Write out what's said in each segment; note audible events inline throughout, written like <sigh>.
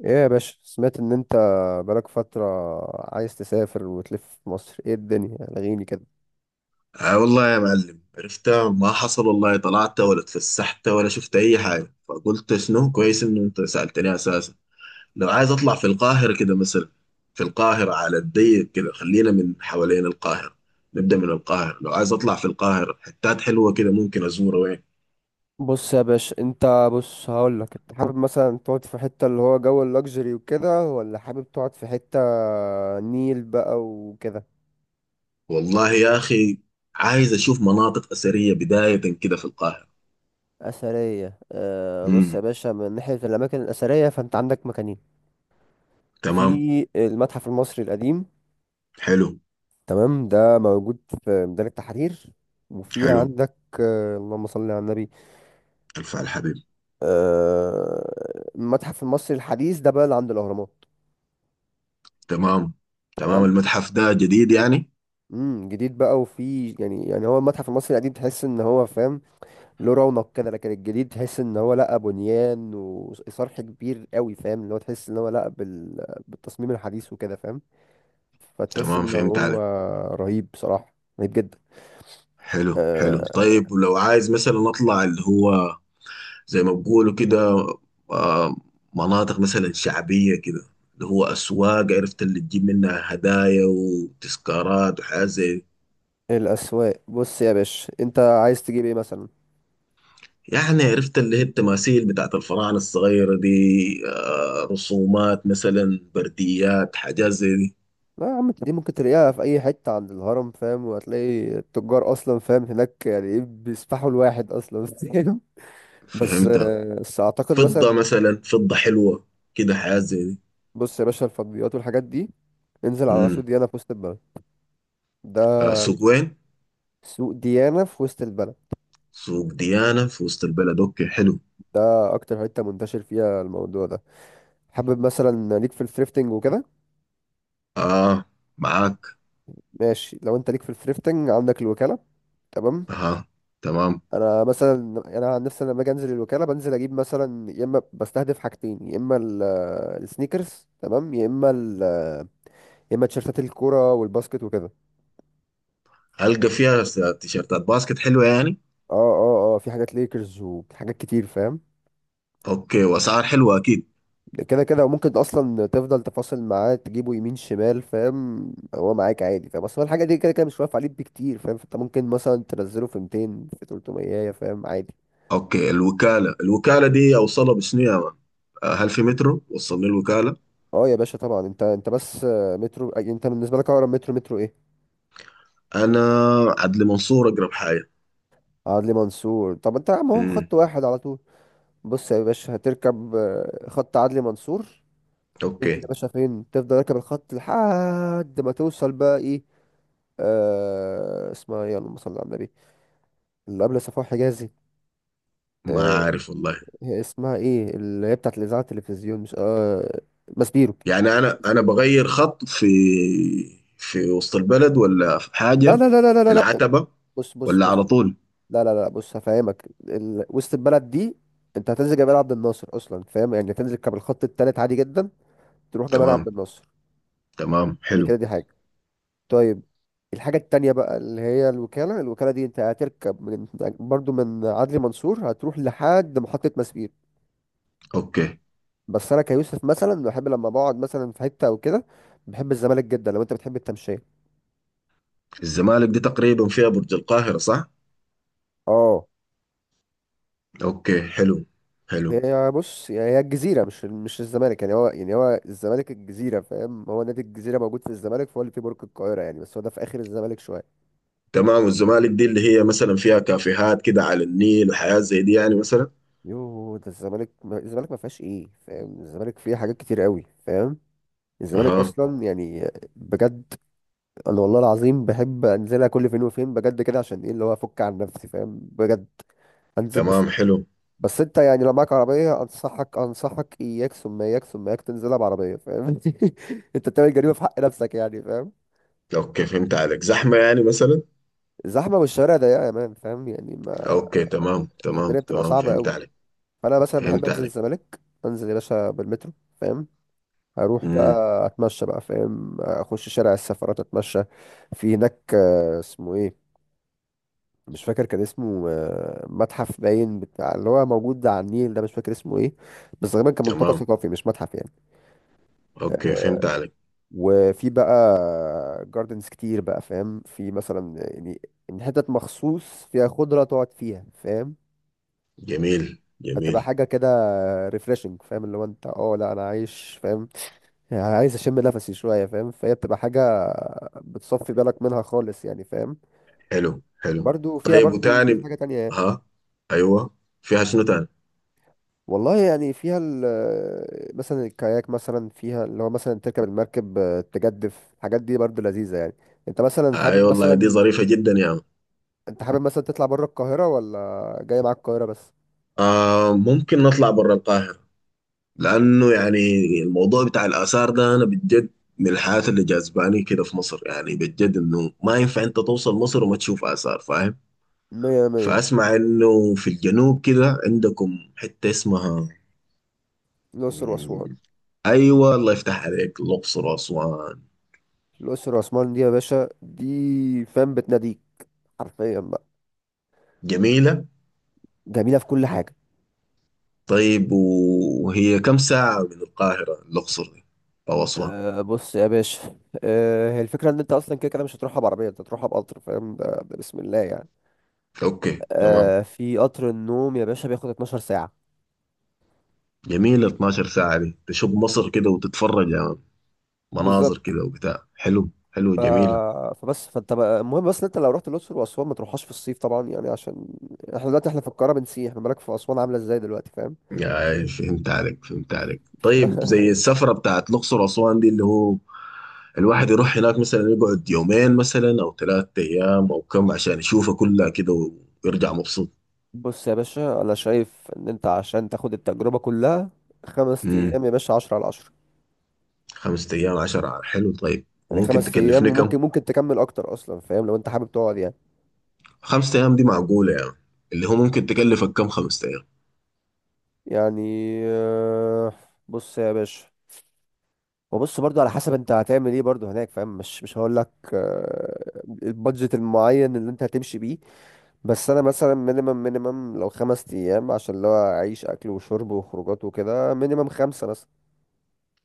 ايه يا باشا، سمعت ان انت بقالك فترة عايز تسافر وتلف في مصر، ايه الدنيا لغيني كده؟ آه والله يا معلم، عرفتها ما حصل والله، طلعت ولا اتفسحت ولا شفت اي حاجه. فقلت شنو كويس انه انت سالتني اساسا لو عايز اطلع في القاهره كده مثلا. في القاهره على الضيق كده خلينا من حوالين القاهره. نبدا من القاهره، لو عايز اطلع في القاهره حتات حلوه كده ممكن ازورها وين؟ بص يا باشا، انت بص هقولك، انت حابب مثلا تقعد في حتة اللي هو جو اللوكسجري وكده، ولا حابب تقعد في حتة نيل بقى وكده؟ والله يا اخي، عايز اشوف مناطق اثريه بدايه كده في القاهره. أثرية، بص يا امم باشا، من ناحية الأماكن الأثرية فأنت عندك مكانين. تمام. في المتحف المصري القديم، حلو تمام، ده موجود في ميدان التحرير. وفي حلو. عندك اللهم صل على النبي، الف على الحبيب. المتحف المصري الحديث ده بقى اللي عند الاهرامات. تمام تمام. المتحف ده جديد يعني؟ جديد بقى، وفي يعني هو المتحف المصري القديم تحس ان هو فاهم، له رونق كده. لكن الجديد تحس ان هو لا بنيان وصرح كبير قوي، فاهم؟ اللي هو تحس ان هو لا بالتصميم الحديث وكده فاهم. فتحس تمام، ان فهمت هو عليك. رهيب بصراحة، رهيب جدا. حلو حلو. آه طيب، ولو عايز مثلا اطلع اللي هو زي ما بقولوا كده، آه، مناطق مثلا شعبية كده اللي هو اسواق، عرفت، اللي تجيب منها هدايا وتذكارات وحاجات زي الاسواق، بص يا باشا انت عايز تجيب ايه مثلا؟ يعني. عرفت اللي هي التماثيل بتاعت الفراعنة الصغيرة دي، رسومات مثلا، برديات، حاجات زي دي. لا يا عم انت، دي ممكن تلاقيها في اي حته عند الهرم فاهم، وهتلاقي التجار اصلا فاهم هناك، يعني ايه، بيسفحوا الواحد اصلا <laughs> فاهم. بس فهمتها. بس اعتقد فضة مثلا، مثلا، فضة حلوة كده، حاجات زي دي. بص يا باشا، الفضليات والحاجات دي انزل على سوق امم ديانا في وسط البلد. ده سوق وين؟ سوق ديانا في وسط البلد، سوق ديانة في وسط البلد، اوكي حلو. ده اكتر حته منتشر فيها الموضوع ده. حابب مثلا ليك في الثريفتنج وكده؟ اه، معاك. ماشي، لو انت ليك في الثريفتنج عندك الوكاله، تمام. اه، تمام. انا مثلا يعني انا عن نفسي لما باجي انزل الوكاله بنزل اجيب مثلا، يا اما بستهدف حاجتين، يا اما السنيكرز تمام، يا اما يا اما تيشرتات الكوره والباسكت وكده. هلقى فيها تيشيرتات باسكت حلوة يعني؟ اه اه اه، في حاجات ليكرز وحاجات كتير فاهم. اوكي، واسعار حلوة اكيد. كده كده، وممكن اصلا تفضل تفاصل معاه تجيبه يمين شمال فاهم، هو معاك عادي فاهم، اصلا الحاجه دي كده كده مش واقف عليه بكتير فاهم، فانت ممكن مثلا تنزله في 200 في 300 فاهم، عادي. اوكي. الوكالة، الوكالة دي اوصلها بشنو يا مان؟ هل في مترو وصلني الوكالة؟ اه يا باشا طبعا، انت بس مترو انت بالنسبه لك اقرب مترو مترو ايه؟ انا، عدلي منصور اقرب حاجة. عدلي منصور، طب انت يا عم اهو امم خط واحد على طول. بص يا باشا، هتركب خط عدلي منصور. تنزل يا اوكي. باشا فين؟ تفضل راكب الخط لحد ما توصل بقى ايه، اسمها ايه، اللهم صل على النبي، اللي قبل صفوان حجازي، ما آه. عارف والله. هي اسمها ايه اللي هي بتاعت الاذاعه التلفزيون، مش اه ماسبيرو؟ يعني انا ماسبيرو. بغير خط في وسط البلد ولا في لا حاجة؟ لا لا لا في لا لا لا. العتبة بص بص ولا على بص، طول؟ لا لا لا، بص هفهمك وسط البلد دي انت هتنزل جبال عبد الناصر اصلا فاهم، يعني هتنزل كاب الخط التالت عادي جدا. تروح جبال عبد تمام الناصر، تمام، دي حلو. كده دي حاجة. طيب، الحاجة التانية بقى اللي هي الوكالة، الوكالة دي انت هتركب من برضو من عدلي منصور، هتروح لحد محطة مسبير. اوكي. بس انا كيوسف مثلا بحب لما بقعد مثلا في حتة او كده، بحب الزمالك جدا لو انت بتحب التمشية. الزمالك دي تقريبا فيها برج القاهرة صح؟ اه. اوكي، حلو حلو. هي بص، يعني هي الجزيرة مش الزمالك، يعني هو يعني هو الزمالك الجزيرة فاهم، هو نادي الجزيرة موجود في الزمالك، فهو اللي في برج القاهرة يعني، بس هو ده في آخر الزمالك شوية. تمام. والزمالك دي اللي هي مثلا فيها كافيهات كده على النيل وحياة زي دي يعني مثلا؟ يوه ده الزمالك، الزمالك ما فيهاش ايه فاهم، الزمالك فيه حاجات كتير قوي فاهم، الزمالك اها، اصلا يعني بجد. انا والله العظيم بحب انزلها كل فين وفين بجد كده، عشان ايه اللي هو افك عن نفسي فاهم، بجد. انزل بس، تمام، حلو. بس انت يعني لو معاك عربيه انصحك انصحك اياك ثم اياك ثم اياك تنزلها بعربيه فاهم <laughs> انت بتعمل جريمه في حق نفسك يعني فاهم. اوكي، فهمت عليك. زحمة يعني مثلا؟ الزحمه والشوارع ضيقه يا مان فاهم، يعني ما اوكي تمام تمام الدنيا بتبقى تمام، صعبه فهمت قوي. عليك، فانا مثلا بحب فهمت انزل عليك. الزمالك، انزل يا باشا بالمترو فاهم، اروح امم بقى اتمشى بقى فاهم، اخش شارع السفرات اتمشى. في هناك اسمه ايه، مش فاكر كان اسمه متحف باين بتاع اللي هو موجود على النيل ده، مش فاكر اسمه ايه، بس غالبا كان ملتقى تمام. ثقافي مش متحف يعني. اوكي، فهمت آه، عليك. وفي بقى جاردنز كتير بقى فاهم، في مثلا يعني، إن حتت مخصوص فيها خضرة تقعد فيها فاهم. جميل هتبقى جميل. حاجة كده ريفريشنج فاهم، اللي هو انت اه لا انا عايش فاهم، يعني عايز اشم نفسي شوية فاهم، فهي بتبقى حاجة بتصفي بالك منها خالص يعني فاهم. حلو حلو. وبرده فيها طيب، برده كذا وتاني؟ حاجة تانية. ها؟ ايوه، فيها شنو تاني؟ والله يعني فيها ال مثلا الكاياك، مثلا فيها اللي هو مثلا تركب المركب تجدف، الحاجات دي برضه لذيذة يعني. انت مثلا اي، أيوة حابب والله دي مثلا، ظريفة جدا يا عم. انت حابب مثلا تطلع بره القاهرة ولا جاي معاك القاهرة بس؟ آه ممكن نطلع برا القاهرة. لأنه يعني الموضوع بتاع الآثار ده، أنا بجد، من الحاجات اللي جذباني كده في مصر، يعني بجد إنه ما ينفع أنت توصل مصر وما تشوف آثار فاهم. مية مية. فأسمع إنه في الجنوب كده عندكم حتة اسمها. الأقصر وأسوان، مم، أيوة، الله يفتح عليك، الأقصر وأسوان. الأقصر وأسوان دي يا باشا دي فاهم بتناديك حرفيا بقى. جميلة. جميلة في كل حاجة. طيب، وهي كم ساعة من القاهرة الأقصر دي أو أسوان؟ أه بص يا باشا، أه هي الفكرة إن أنت أصلا كده كده مش هتروحها بعربية، أنت هتروحها بقطر فاهم، ده بسم الله يعني. أوكي تمام. أه، في قطر النوم يا باشا بياخد 12 ساعة جميلة، 12 ساعة دي تشوف مصر كده وتتفرج يعني، مناظر بالظبط. كده وبتاع، حلو حلو ف... جميلة. فبس فانت بقى المهم بس إن انت لو رحت الاقصر واسوان ما تروحهاش في الصيف طبعا يعني، عشان احنا دلوقتي احنا في القاهره بنسيح، ما بالك في اسوان عامله ازاي دلوقتي فاهم يعني فهمت عليك، فهمت عليك. طيب، زي <laughs> السفرة بتاعت الأقصر وأسوان دي، اللي هو الواحد يروح هناك مثلا، يقعد يومين مثلا أو 3 أيام أو كم عشان يشوفها كلها كده، ويرجع مبسوط. بص يا باشا، انا شايف ان انت عشان تاخد التجربه كلها، خمس امم ايام يا باشا عشرة على عشرة. 5 أيام 10، حلو. طيب، يعني وممكن خمس ايام، تكلفني كم؟ وممكن تكمل اكتر اصلا فاهم، لو انت حابب تقعد يعني. 5 أيام دي معقولة يعني؟ اللي هو ممكن تكلفك كم 5 أيام؟ يعني آه، بص يا باشا، وبص برضو على حسب انت هتعمل ايه برضو هناك فاهم، مش مش هقول لك البادجت المعين اللي انت هتمشي بيه. بس انا مثلا مينيمم لو خمس ايام عشان اللي هو اعيش اكل وشرب وخروجات وكده، مينيمم خمسة مثلا.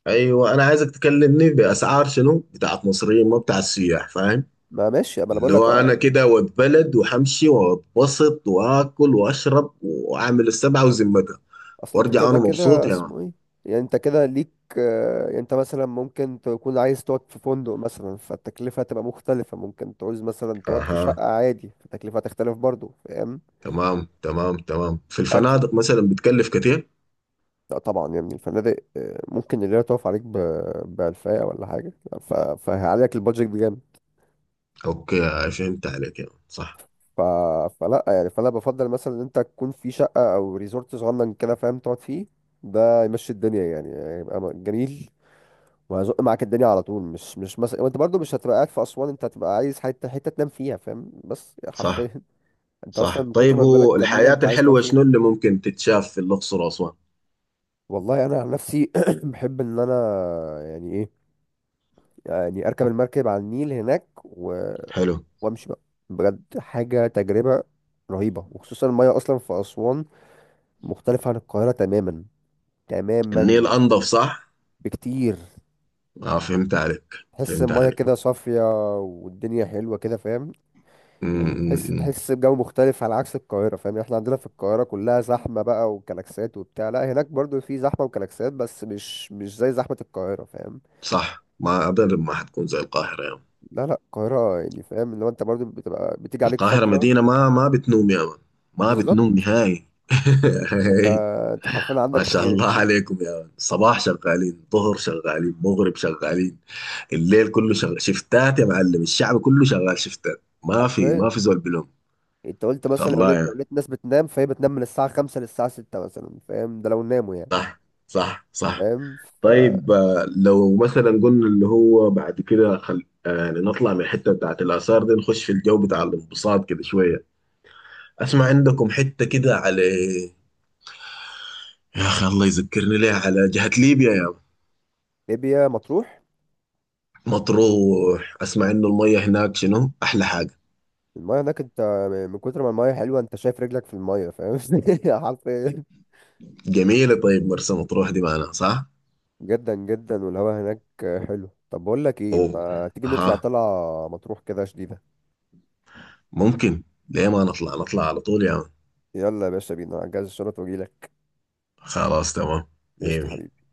أيوة، أنا عايزك تكلمني بأسعار شنو؟ بتاعت مصريين ما بتاعت سياح فاهم؟ ما ماشي، ما انا بقول اللي لك هو اه انا يعني. كده واتبلد وهمشي واتبسط واكل واشرب واعمل السبعه وذمتها، اصل انت وارجع كده انا مبسوط كده يا مان. اسمه ايه، يعني انت كده ليك، يعني انت مثلا ممكن تكون عايز تقعد في فندق مثلا فالتكلفة هتبقى مختلفة، ممكن تعوز مثلا تقعد في اها، شقة عادي فالتكلفة هتختلف برضو فاهم. تمام تمام تمام. في اكل، الفنادق مثلا بتكلف كتير؟ لا طبعا يا ابني، الفنادق ممكن الليلة تقف عليك ب 2000 ولا حاجة. فهيعلي لك البادجت. اوكي، فهمت عليك يا مان. صح، ف... فلا يعني، فانا بفضل مثلا ان انت تكون في شقه او ريزورت صغنن كده فاهم تقعد فيه. ده يمشي الدنيا يعني، هيبقى جميل. وهيزق معاك الدنيا على طول، مش مثلا، وانت برضو مش هتبقى قاعد في اسوان، انت هتبقى عايز حته حته تنام فيها فاهم، بس صح، حرفيا <laughs> انت اصلا صح. من كتر طيب، ما هو البلد جميله الحياه انت عايز تقعد الحلوه فيها. شنو اللي ممكن تتشاف في الاقصر واسوان؟ والله انا عن نفسي <clears throat> بحب ان انا يعني ايه، يعني اركب المركب على النيل هناك حلو. وامشي بقى، بجد حاجه تجربه رهيبه. وخصوصا الميه اصلا في اسوان، مختلف عن القاهرة تماما. النيل تماما، انضف صح؟ بكتير. اه، فهمت عليك، تحس فهمت المية كده عليك. صافية، والدنيا حلوة كده فاهم. م يعني تحس -م -م. تحس بجو مختلف على عكس القاهرة فاهم، يعني احنا عندنا في القاهرة كلها زحمة بقى وكلاكسات وبتاع، لا هناك برضو في زحمة وكلاكسات بس مش زي زحمة القاهرة فاهم. صح، ما ابدا ما حتكون زي القاهره يا مان. لا لا، القاهرة يعني فاهم، اللي هو انت برضو بتبقى بتيجي عليك القاهرة فترة. مدينة ما بتنوم يا مان. ما بتنوم بالظبط. نهائي انت <laughs> انت حرفيا ما عندك شاء الله يعني. عليكم يا مان، صباح شغالين، ظهر شغالين، مغرب شغالين. الليل كله شغال شفتات يا معلم. الشعب كله شغال شفتات، ما في حرفيا، ما في زول بلوم. انت قلت مثلا، لو الله لقيت لو يعني. لقيت ناس بتنام فهي بتنام من الساعة خمسة للساعة ستة مثلا فاهم، ده لو ناموا يعني صح، صح، صح. فاهم. طيب، لو مثلا قلنا اللي هو بعد كده خل... آه، يعني نطلع من الحتة بتاعت الآثار دي، نخش في الجو بتاع الانبساط كده شوية. أسمع عندكم حتة كده على، يا اخي الله يذكرني ليه، على جهة ليبيا يا ما. فليبيا مطروح. مطروح. اسمع انه المية هناك شنو احلى حاجة. المايه هناك انت، من كتر ما المايه حلوه انت شايف رجلك في المايه فاهم <laughs> حرفيا. جميلة. طيب، مرسى مطروح دي معنا صح؟ جدا جدا، والهواء هناك حلو. طب بقول لك ايه، اوه، ما تيجي نطلع اها. طلعه مطروح كده شديده؟ ممكن. ليه ما نطلع على طول يا مان. يلا يا باشا بينا، هجهز الشنط واجيلك. خلاص تمام. مية قشطة مية حبيبي.